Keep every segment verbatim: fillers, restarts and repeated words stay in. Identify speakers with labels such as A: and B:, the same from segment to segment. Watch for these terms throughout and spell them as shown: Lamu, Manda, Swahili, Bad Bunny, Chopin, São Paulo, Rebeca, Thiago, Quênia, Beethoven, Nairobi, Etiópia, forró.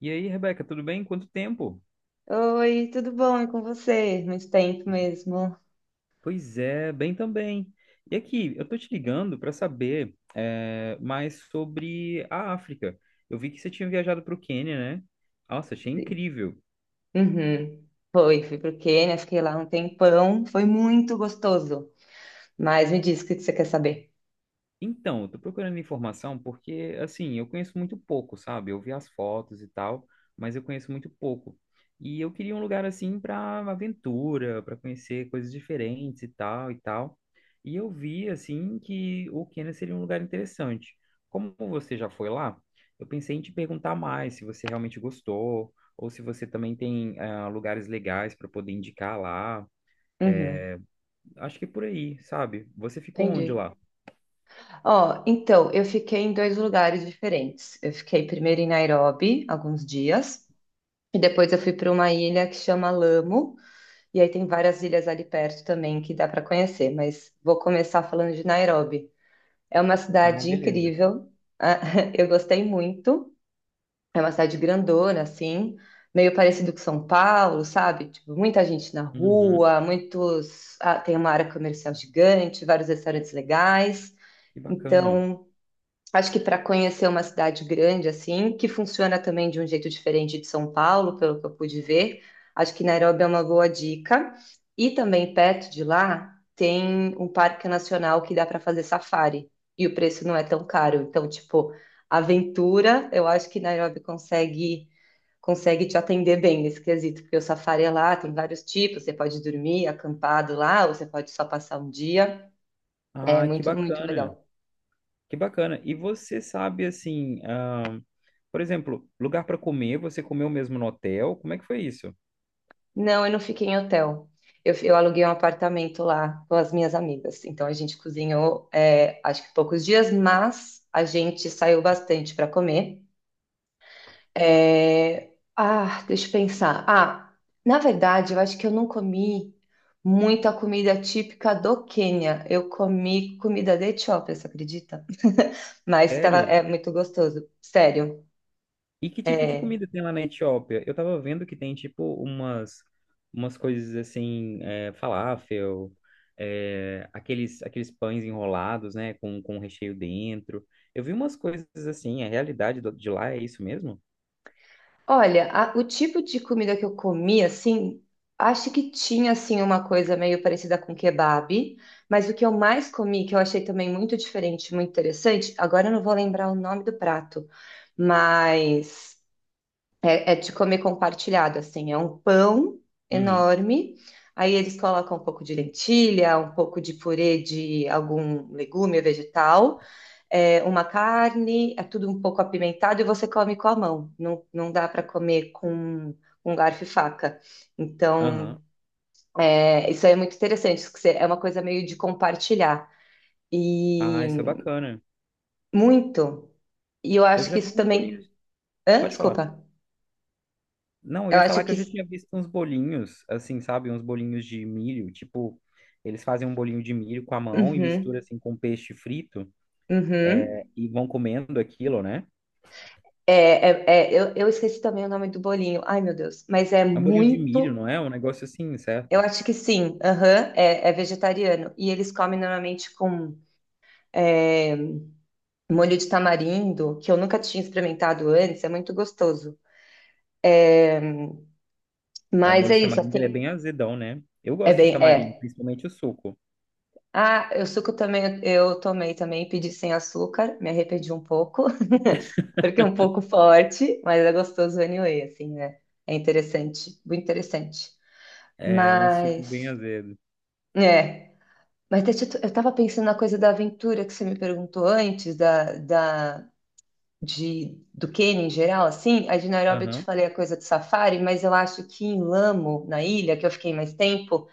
A: E aí, Rebeca, tudo bem? Quanto tempo?
B: Oi, tudo bom? E com você? Muito tempo mesmo.
A: Pois é, bem também. E aqui, eu tô te ligando para saber é, mais sobre a África. Eu vi que você tinha viajado para o Quênia, né? Nossa, achei
B: Sim.
A: incrível.
B: Uhum. Foi, fui pro Quênia, fiquei lá um tempão, foi muito gostoso. Mas me diz o que que você quer saber.
A: Então, eu tô procurando informação porque, assim, eu conheço muito pouco, sabe? Eu vi as fotos e tal, mas eu conheço muito pouco. E eu queria um lugar assim para aventura, para conhecer coisas diferentes e tal e tal. E eu vi assim que o Quênia seria um lugar interessante. Como você já foi lá, eu pensei em te perguntar mais se você realmente gostou ou se você também tem ah, lugares legais para poder indicar lá.
B: Uhum,
A: Acho que é por aí, sabe? Você ficou onde
B: entendi.
A: lá?
B: Ó, então, eu fiquei em dois lugares diferentes. Eu fiquei primeiro em Nairobi, alguns dias, e depois eu fui para uma ilha que chama Lamu, e aí tem várias ilhas ali perto também que dá para conhecer, mas vou começar falando de Nairobi. É uma
A: Ah,
B: cidade
A: beleza.
B: incrível, eu gostei muito. É uma cidade grandona, assim, meio parecido com São Paulo, sabe? Tipo, muita gente na
A: Uhum.
B: rua, muitos. ah, tem uma área comercial gigante, vários restaurantes legais.
A: Que bacana.
B: Então, acho que para conhecer uma cidade grande assim, que funciona também de um jeito diferente de São Paulo, pelo que eu pude ver, acho que Nairobi é uma boa dica. E também perto de lá tem um parque nacional que dá para fazer safari e o preço não é tão caro. Então, tipo, aventura, eu acho que Nairobi consegue consegue te atender bem nesse quesito, porque o safari é lá, tem vários tipos, você pode dormir acampado lá, ou você pode só passar um dia. É
A: Ah, que
B: muito, muito
A: bacana.
B: legal.
A: Que bacana. E você sabe, assim, ah, por exemplo, lugar para comer, você comeu mesmo no hotel? Como é que foi isso?
B: Não, eu não fiquei em hotel. Eu, eu aluguei um apartamento lá com as minhas amigas. Então a gente cozinhou, é, acho que poucos dias, mas a gente saiu bastante para comer. É, Ah, deixa eu pensar. Ah, na verdade, eu acho que eu não comi muita comida típica do Quênia. Eu comi comida da Etiópia, você acredita? Mas tava,
A: Sério?
B: é muito gostoso, sério.
A: E que tipo de
B: é,
A: comida tem lá na Etiópia? Eu tava vendo que tem, tipo, umas, umas coisas assim, é, falafel, é, aqueles, aqueles pães enrolados, né, com, com recheio dentro. Eu vi umas coisas assim, a realidade do- de lá é isso mesmo?
B: Olha, a- o tipo de comida que eu comi, assim, acho que tinha, assim, uma coisa meio parecida com kebab, mas o que eu mais comi, que eu achei também muito diferente, muito interessante, agora eu não vou lembrar o nome do prato, mas é, é de comer compartilhado, assim, é um pão
A: Uhum.
B: enorme, aí eles colocam um pouco de lentilha, um pouco de purê de algum legume ou vegetal, é, uma carne, é tudo um pouco apimentado e você come com a mão. Não, não dá para comer com um garfo e faca. Então,
A: Aham.
B: é, isso aí é muito interessante, isso que você- é uma coisa meio de compartilhar.
A: Ah, isso é
B: E
A: bacana.
B: muito. E eu
A: Eu
B: acho
A: já
B: que
A: vi
B: isso
A: uns bolinhos.
B: também. Hã?
A: Pode falar.
B: Desculpa.
A: Não, eu
B: Eu
A: ia
B: acho
A: falar que
B: que.
A: eu já
B: Isso-
A: tinha visto uns bolinhos, assim, sabe? Uns bolinhos de milho, tipo, eles fazem um bolinho de milho com a mão e mistura
B: Uhum,
A: assim com peixe frito,
B: uhum.
A: é, e vão comendo aquilo, né?
B: É, é, é, eu, eu esqueci também o nome do bolinho. Ai, meu Deus. Mas é
A: É um bolinho de milho,
B: muito.
A: não é? É um negócio assim,
B: Eu
A: certo?
B: acho que sim. Aham, é, é vegetariano. E eles comem normalmente com é, molho de tamarindo, que eu nunca tinha experimentado antes, é muito gostoso. É,
A: É o
B: mas
A: molho
B: é
A: de
B: isso,
A: tamarindo, ele é bem
B: assim,
A: azedão, né? Eu
B: é
A: gosto de
B: bem,
A: tamarindo,
B: é.
A: principalmente o suco.
B: Ah, o suco também, eu tomei também, pedi sem açúcar, me arrependi um pouco, porque é um pouco forte, mas é gostoso anyway, assim, né? É interessante, muito interessante.
A: É um suco bem
B: Mas,
A: azedo.
B: é, mas deixa eu eu tava pensando na coisa da aventura que você me perguntou antes, da, da, de, do Quênia em geral, assim, a de Nairobi eu te
A: Aham.
B: falei a coisa do safari, mas eu acho que em Lamo, na ilha, que eu fiquei mais tempo,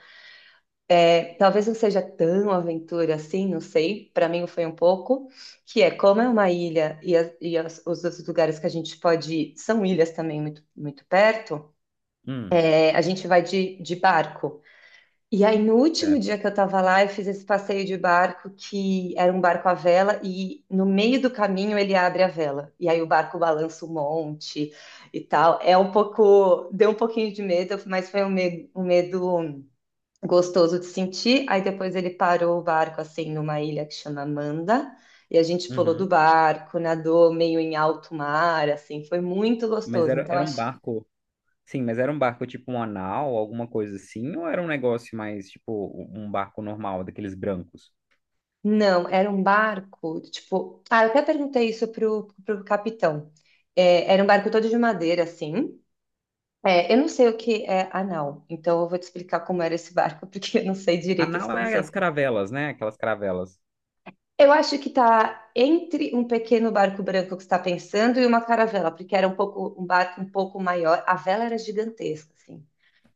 B: é, talvez não seja tão aventura assim, não sei, para mim foi um pouco, que é como é uma ilha e, as- e as- os outros lugares que a gente pode ir são ilhas também muito, muito perto,
A: Hum,
B: é, a gente vai de, de barco. E aí, no último
A: certo.
B: dia que eu tava lá, eu fiz esse passeio de barco que era um barco à vela e no meio do caminho ele abre a vela. E aí o barco balança um monte e tal. É um pouco, deu um pouquinho de medo, mas foi um medo, um medo gostoso de sentir. Aí depois ele parou o barco assim numa ilha que chama Manda e a gente pulou do
A: Uhum.
B: barco, nadou meio em alto mar, assim, foi muito
A: Mas
B: gostoso.
A: era,
B: Então
A: era um
B: acho.
A: barco, sim, mas era um barco tipo um anal, alguma coisa assim, ou era um negócio mais tipo um barco normal, daqueles brancos?
B: Não, era um barco, tipo, ah, eu até perguntei isso pro, pro capitão. É, era um barco todo de madeira, assim. É, eu não sei o que é anal, então eu vou te explicar como era esse barco, porque eu não sei
A: A
B: direito esse
A: nau é as
B: conceito.
A: caravelas, né? Aquelas caravelas.
B: Eu acho que tá entre um pequeno barco branco que você está pensando e uma caravela, porque era um pouco um barco um pouco maior. A vela era gigantesca, assim.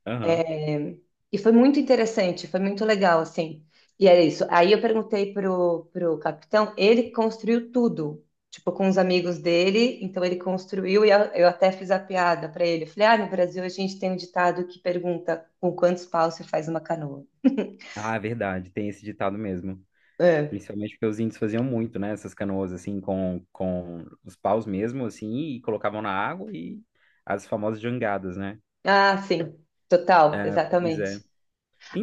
A: Aham.
B: É, e foi muito interessante, foi muito legal, assim. E era isso. Aí eu perguntei pro, pro capitão, ele construiu tudo, tipo, com os amigos dele. Então ele construiu e eu, eu até fiz a piada para ele. Eu falei, ah, no Brasil a gente tem um ditado que pergunta com quantos paus se faz uma canoa.
A: Ah, é verdade, tem esse ditado mesmo.
B: É.
A: Principalmente porque os índios faziam muito, né? Essas canoas, assim, com, com os paus mesmo, assim, e colocavam na água e as famosas jangadas, né?
B: Ah, sim, total,
A: É, pois é.
B: exatamente.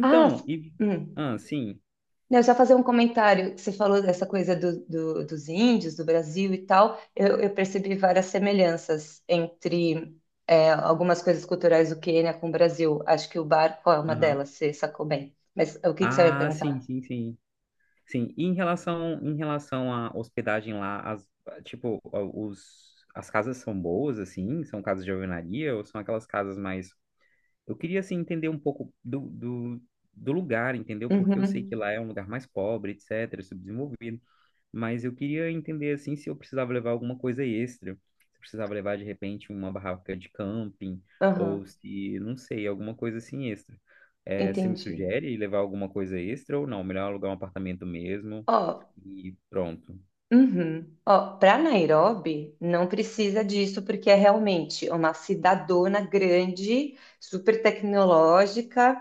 B: Ah,
A: e...
B: hum.
A: Ah, sim.
B: Não, só fazer um comentário. Que você falou dessa coisa do, do- dos índios, do Brasil e tal. Eu, eu percebi várias semelhanças entre é, algumas coisas culturais do Quênia com o Brasil. Acho que o barco é uma
A: Aham.
B: delas, você sacou bem. Mas o que que você vai
A: Ah, sim,
B: perguntar?
A: sim, sim. Sim, e em relação, em relação à hospedagem lá, as, tipo, os, as casas são boas, assim? São casas de alvenaria ou são aquelas casas mais. Eu queria, assim, entender um pouco do, do, do lugar, entendeu? Porque eu sei que
B: Uhum,
A: lá é um lugar mais pobre, etcétera, subdesenvolvido. Mas eu queria entender, assim, se eu precisava levar alguma coisa extra. Se eu precisava levar, de repente, uma barraca de camping,
B: aham,
A: ou se, não sei, alguma coisa assim extra. Eh, você me
B: entendi.
A: sugere levar alguma coisa extra ou não? Melhor alugar um apartamento mesmo
B: Ó,
A: e pronto.
B: uhum. Ó, para Nairobi, não precisa disso, porque é realmente uma cidadona grande, super tecnológica,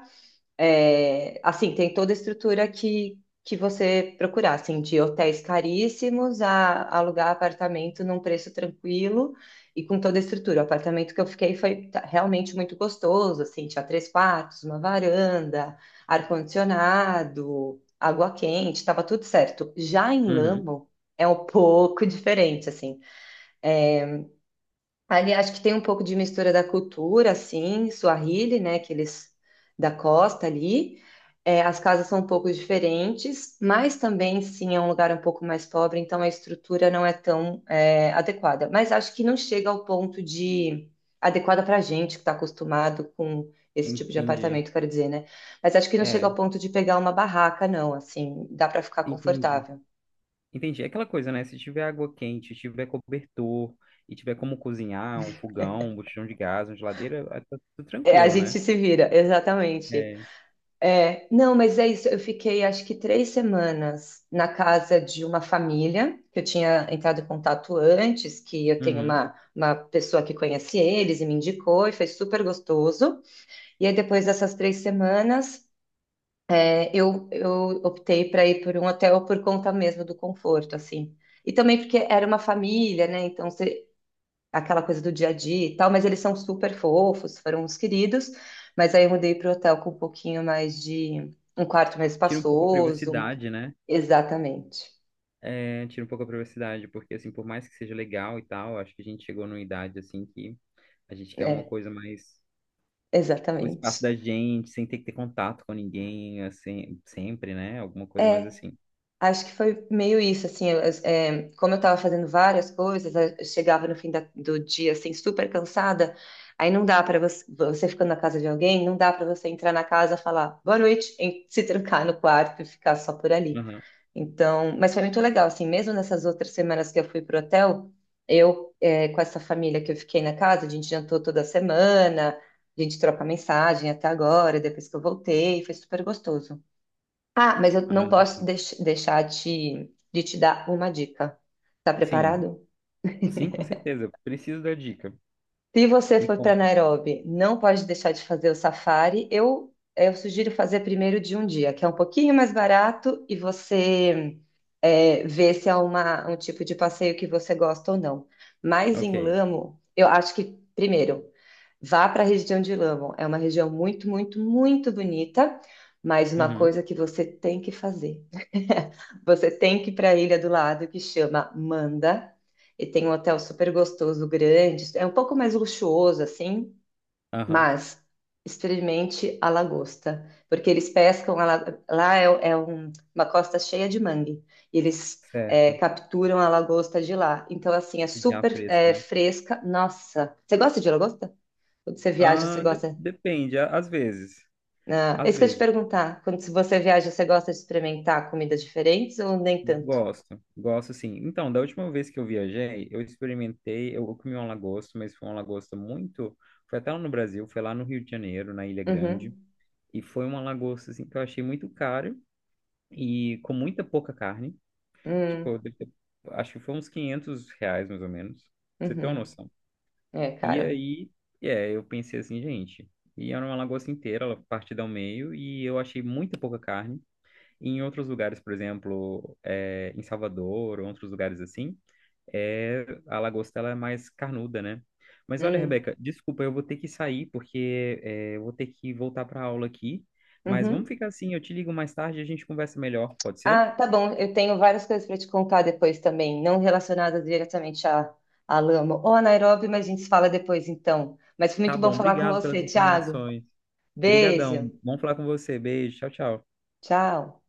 B: é, assim, tem toda a estrutura que, que você procurar, assim, de hotéis caríssimos a alugar apartamento num preço tranquilo e com toda a estrutura. O apartamento que eu fiquei foi ta- realmente muito gostoso, assim, tinha três quartos, uma varanda, ar-condicionado, água quente, estava tudo certo. Já em
A: Uhum,
B: Lamo é um pouco diferente, assim, ali acho que tem um pouco de mistura da cultura, assim, Swahili, né, que eles da costa ali. É, as casas são um pouco diferentes, mas também, sim, é um lugar um pouco mais pobre, então a estrutura não é tão é, adequada. Mas acho que não chega ao ponto de adequada para a gente que está acostumado com esse tipo de
A: entendi.
B: apartamento, quero dizer, né? Mas acho que não chega
A: É,
B: ao ponto de pegar uma barraca, não. Assim, dá para ficar
A: entendi.
B: confortável.
A: Entendi. É aquela coisa, né? Se tiver água quente, tiver cobertor e tiver como cozinhar, um fogão, um botijão de gás, uma geladeira, é, tá tudo
B: É, a
A: tranquilo,
B: gente
A: né?
B: se vira, exatamente.
A: É.
B: É, não, mas é isso. Eu fiquei acho que três semanas na casa de uma família que eu tinha entrado em contato antes, que eu tenho
A: Uhum.
B: uma, uma pessoa que conhece eles e me indicou, e foi super gostoso. E aí, depois dessas três semanas, é, eu, eu optei para ir por um hotel por conta mesmo do conforto, assim. E também porque era uma família, né? Então, aquela coisa do dia a dia e tal, mas eles são super fofos, foram uns queridos. Mas aí eu mudei para o hotel com um pouquinho mais de um quarto mais
A: Tira um pouco a
B: espaçoso. um-
A: privacidade, né?
B: Exatamente.
A: É, tira um pouco a privacidade, porque assim, por mais que seja legal e tal, acho que a gente chegou numa idade assim que a gente quer uma
B: É,
A: coisa mais o espaço
B: exatamente.
A: da gente, sem ter que ter contato com ninguém, assim, sempre, né? Alguma coisa mais
B: É,
A: assim.
B: acho que foi meio isso, assim, eu- é, como eu estava fazendo várias coisas, eu chegava no fim da- do dia, assim, super cansada, aí não dá para você, você ficando na casa de alguém, não dá para você entrar na casa, falar boa noite, e se trancar no quarto e ficar só por ali.
A: Uhum.
B: Então, mas foi muito legal, assim, mesmo nessas outras semanas que eu fui pro hotel, eu, eh, com essa família que eu fiquei na casa, a gente jantou toda semana, a gente troca mensagem até agora, depois que eu voltei, foi super gostoso. Ah, mas eu
A: Ah,
B: não posso
A: sim.
B: deix- deixar de, de te dar uma dica. Tá
A: Sim,
B: preparado?
A: sim, com certeza. Preciso da dica.
B: Se você
A: Me
B: for para
A: conta.
B: Nairobi, não pode deixar de fazer o safari. Eu, eu sugiro fazer primeiro de um dia, que é um pouquinho mais barato e você é, vê se é uma, um tipo de passeio que você gosta ou não. Mas em
A: Ok.
B: Lamo, eu acho que, primeiro, vá para a região de Lamo. É uma região muito, muito, muito bonita, mas uma
A: Uhum.
B: coisa que você tem que fazer. Você tem que ir para a ilha do lado, que chama Manda. E tem um hotel super gostoso, grande. É um pouco mais luxuoso, assim,
A: Aham.
B: mas experimente a lagosta, porque eles pescam a la- lá é, é um- uma costa cheia de mangue. E eles é,
A: Certo.
B: capturam a lagosta de lá. Então, assim, é
A: Já
B: super
A: fresca,
B: é,
A: né?
B: fresca. Nossa, você gosta de lagosta? Quando você viaja, você
A: Ah, de-
B: gosta?
A: depende, a- às vezes.
B: Ah, é
A: Às
B: isso que eu ia te
A: vezes.
B: perguntar. Quando se você viaja, você gosta de experimentar comidas diferentes ou nem tanto?
A: Gosto, gosto sim. Então, da última vez que eu viajei, eu experimentei, eu comi um lagosta, mas foi um lagosta muito. Foi até lá no Brasil, foi lá no Rio de Janeiro, na Ilha Grande,
B: Uhum.
A: e foi uma lagosta assim que eu achei muito caro e com muita pouca carne. Tipo,
B: Hum,
A: eu devo ter- acho que foi uns quinhentos reais mais ou menos. Pra você ter uma
B: uhum.
A: noção.
B: É,
A: E
B: cara.
A: aí, é, eu pensei assim, gente, e era uma lagosta inteira, ela partida ao meio, e eu achei muito pouca carne. E em outros lugares, por exemplo, é, em Salvador, ou outros lugares assim, é, a lagosta ela é mais carnuda, né? Mas olha,
B: Hum,
A: Rebeca, desculpa, eu vou ter que sair, porque é, eu vou ter que voltar para aula aqui. Mas vamos
B: uhum.
A: ficar assim, eu te ligo mais tarde e a gente conversa melhor, pode ser?
B: Ah, tá bom. Eu tenho várias coisas para te contar depois também, não relacionadas diretamente a, a Lama ou a Nairobi, mas a gente se fala depois então. Mas foi
A: Tá
B: muito bom
A: bom,
B: falar com
A: obrigado pelas
B: você, Thiago.
A: informações. Obrigadão,
B: Beijo.
A: vamos falar com você. Beijo, tchau, tchau.
B: Tchau.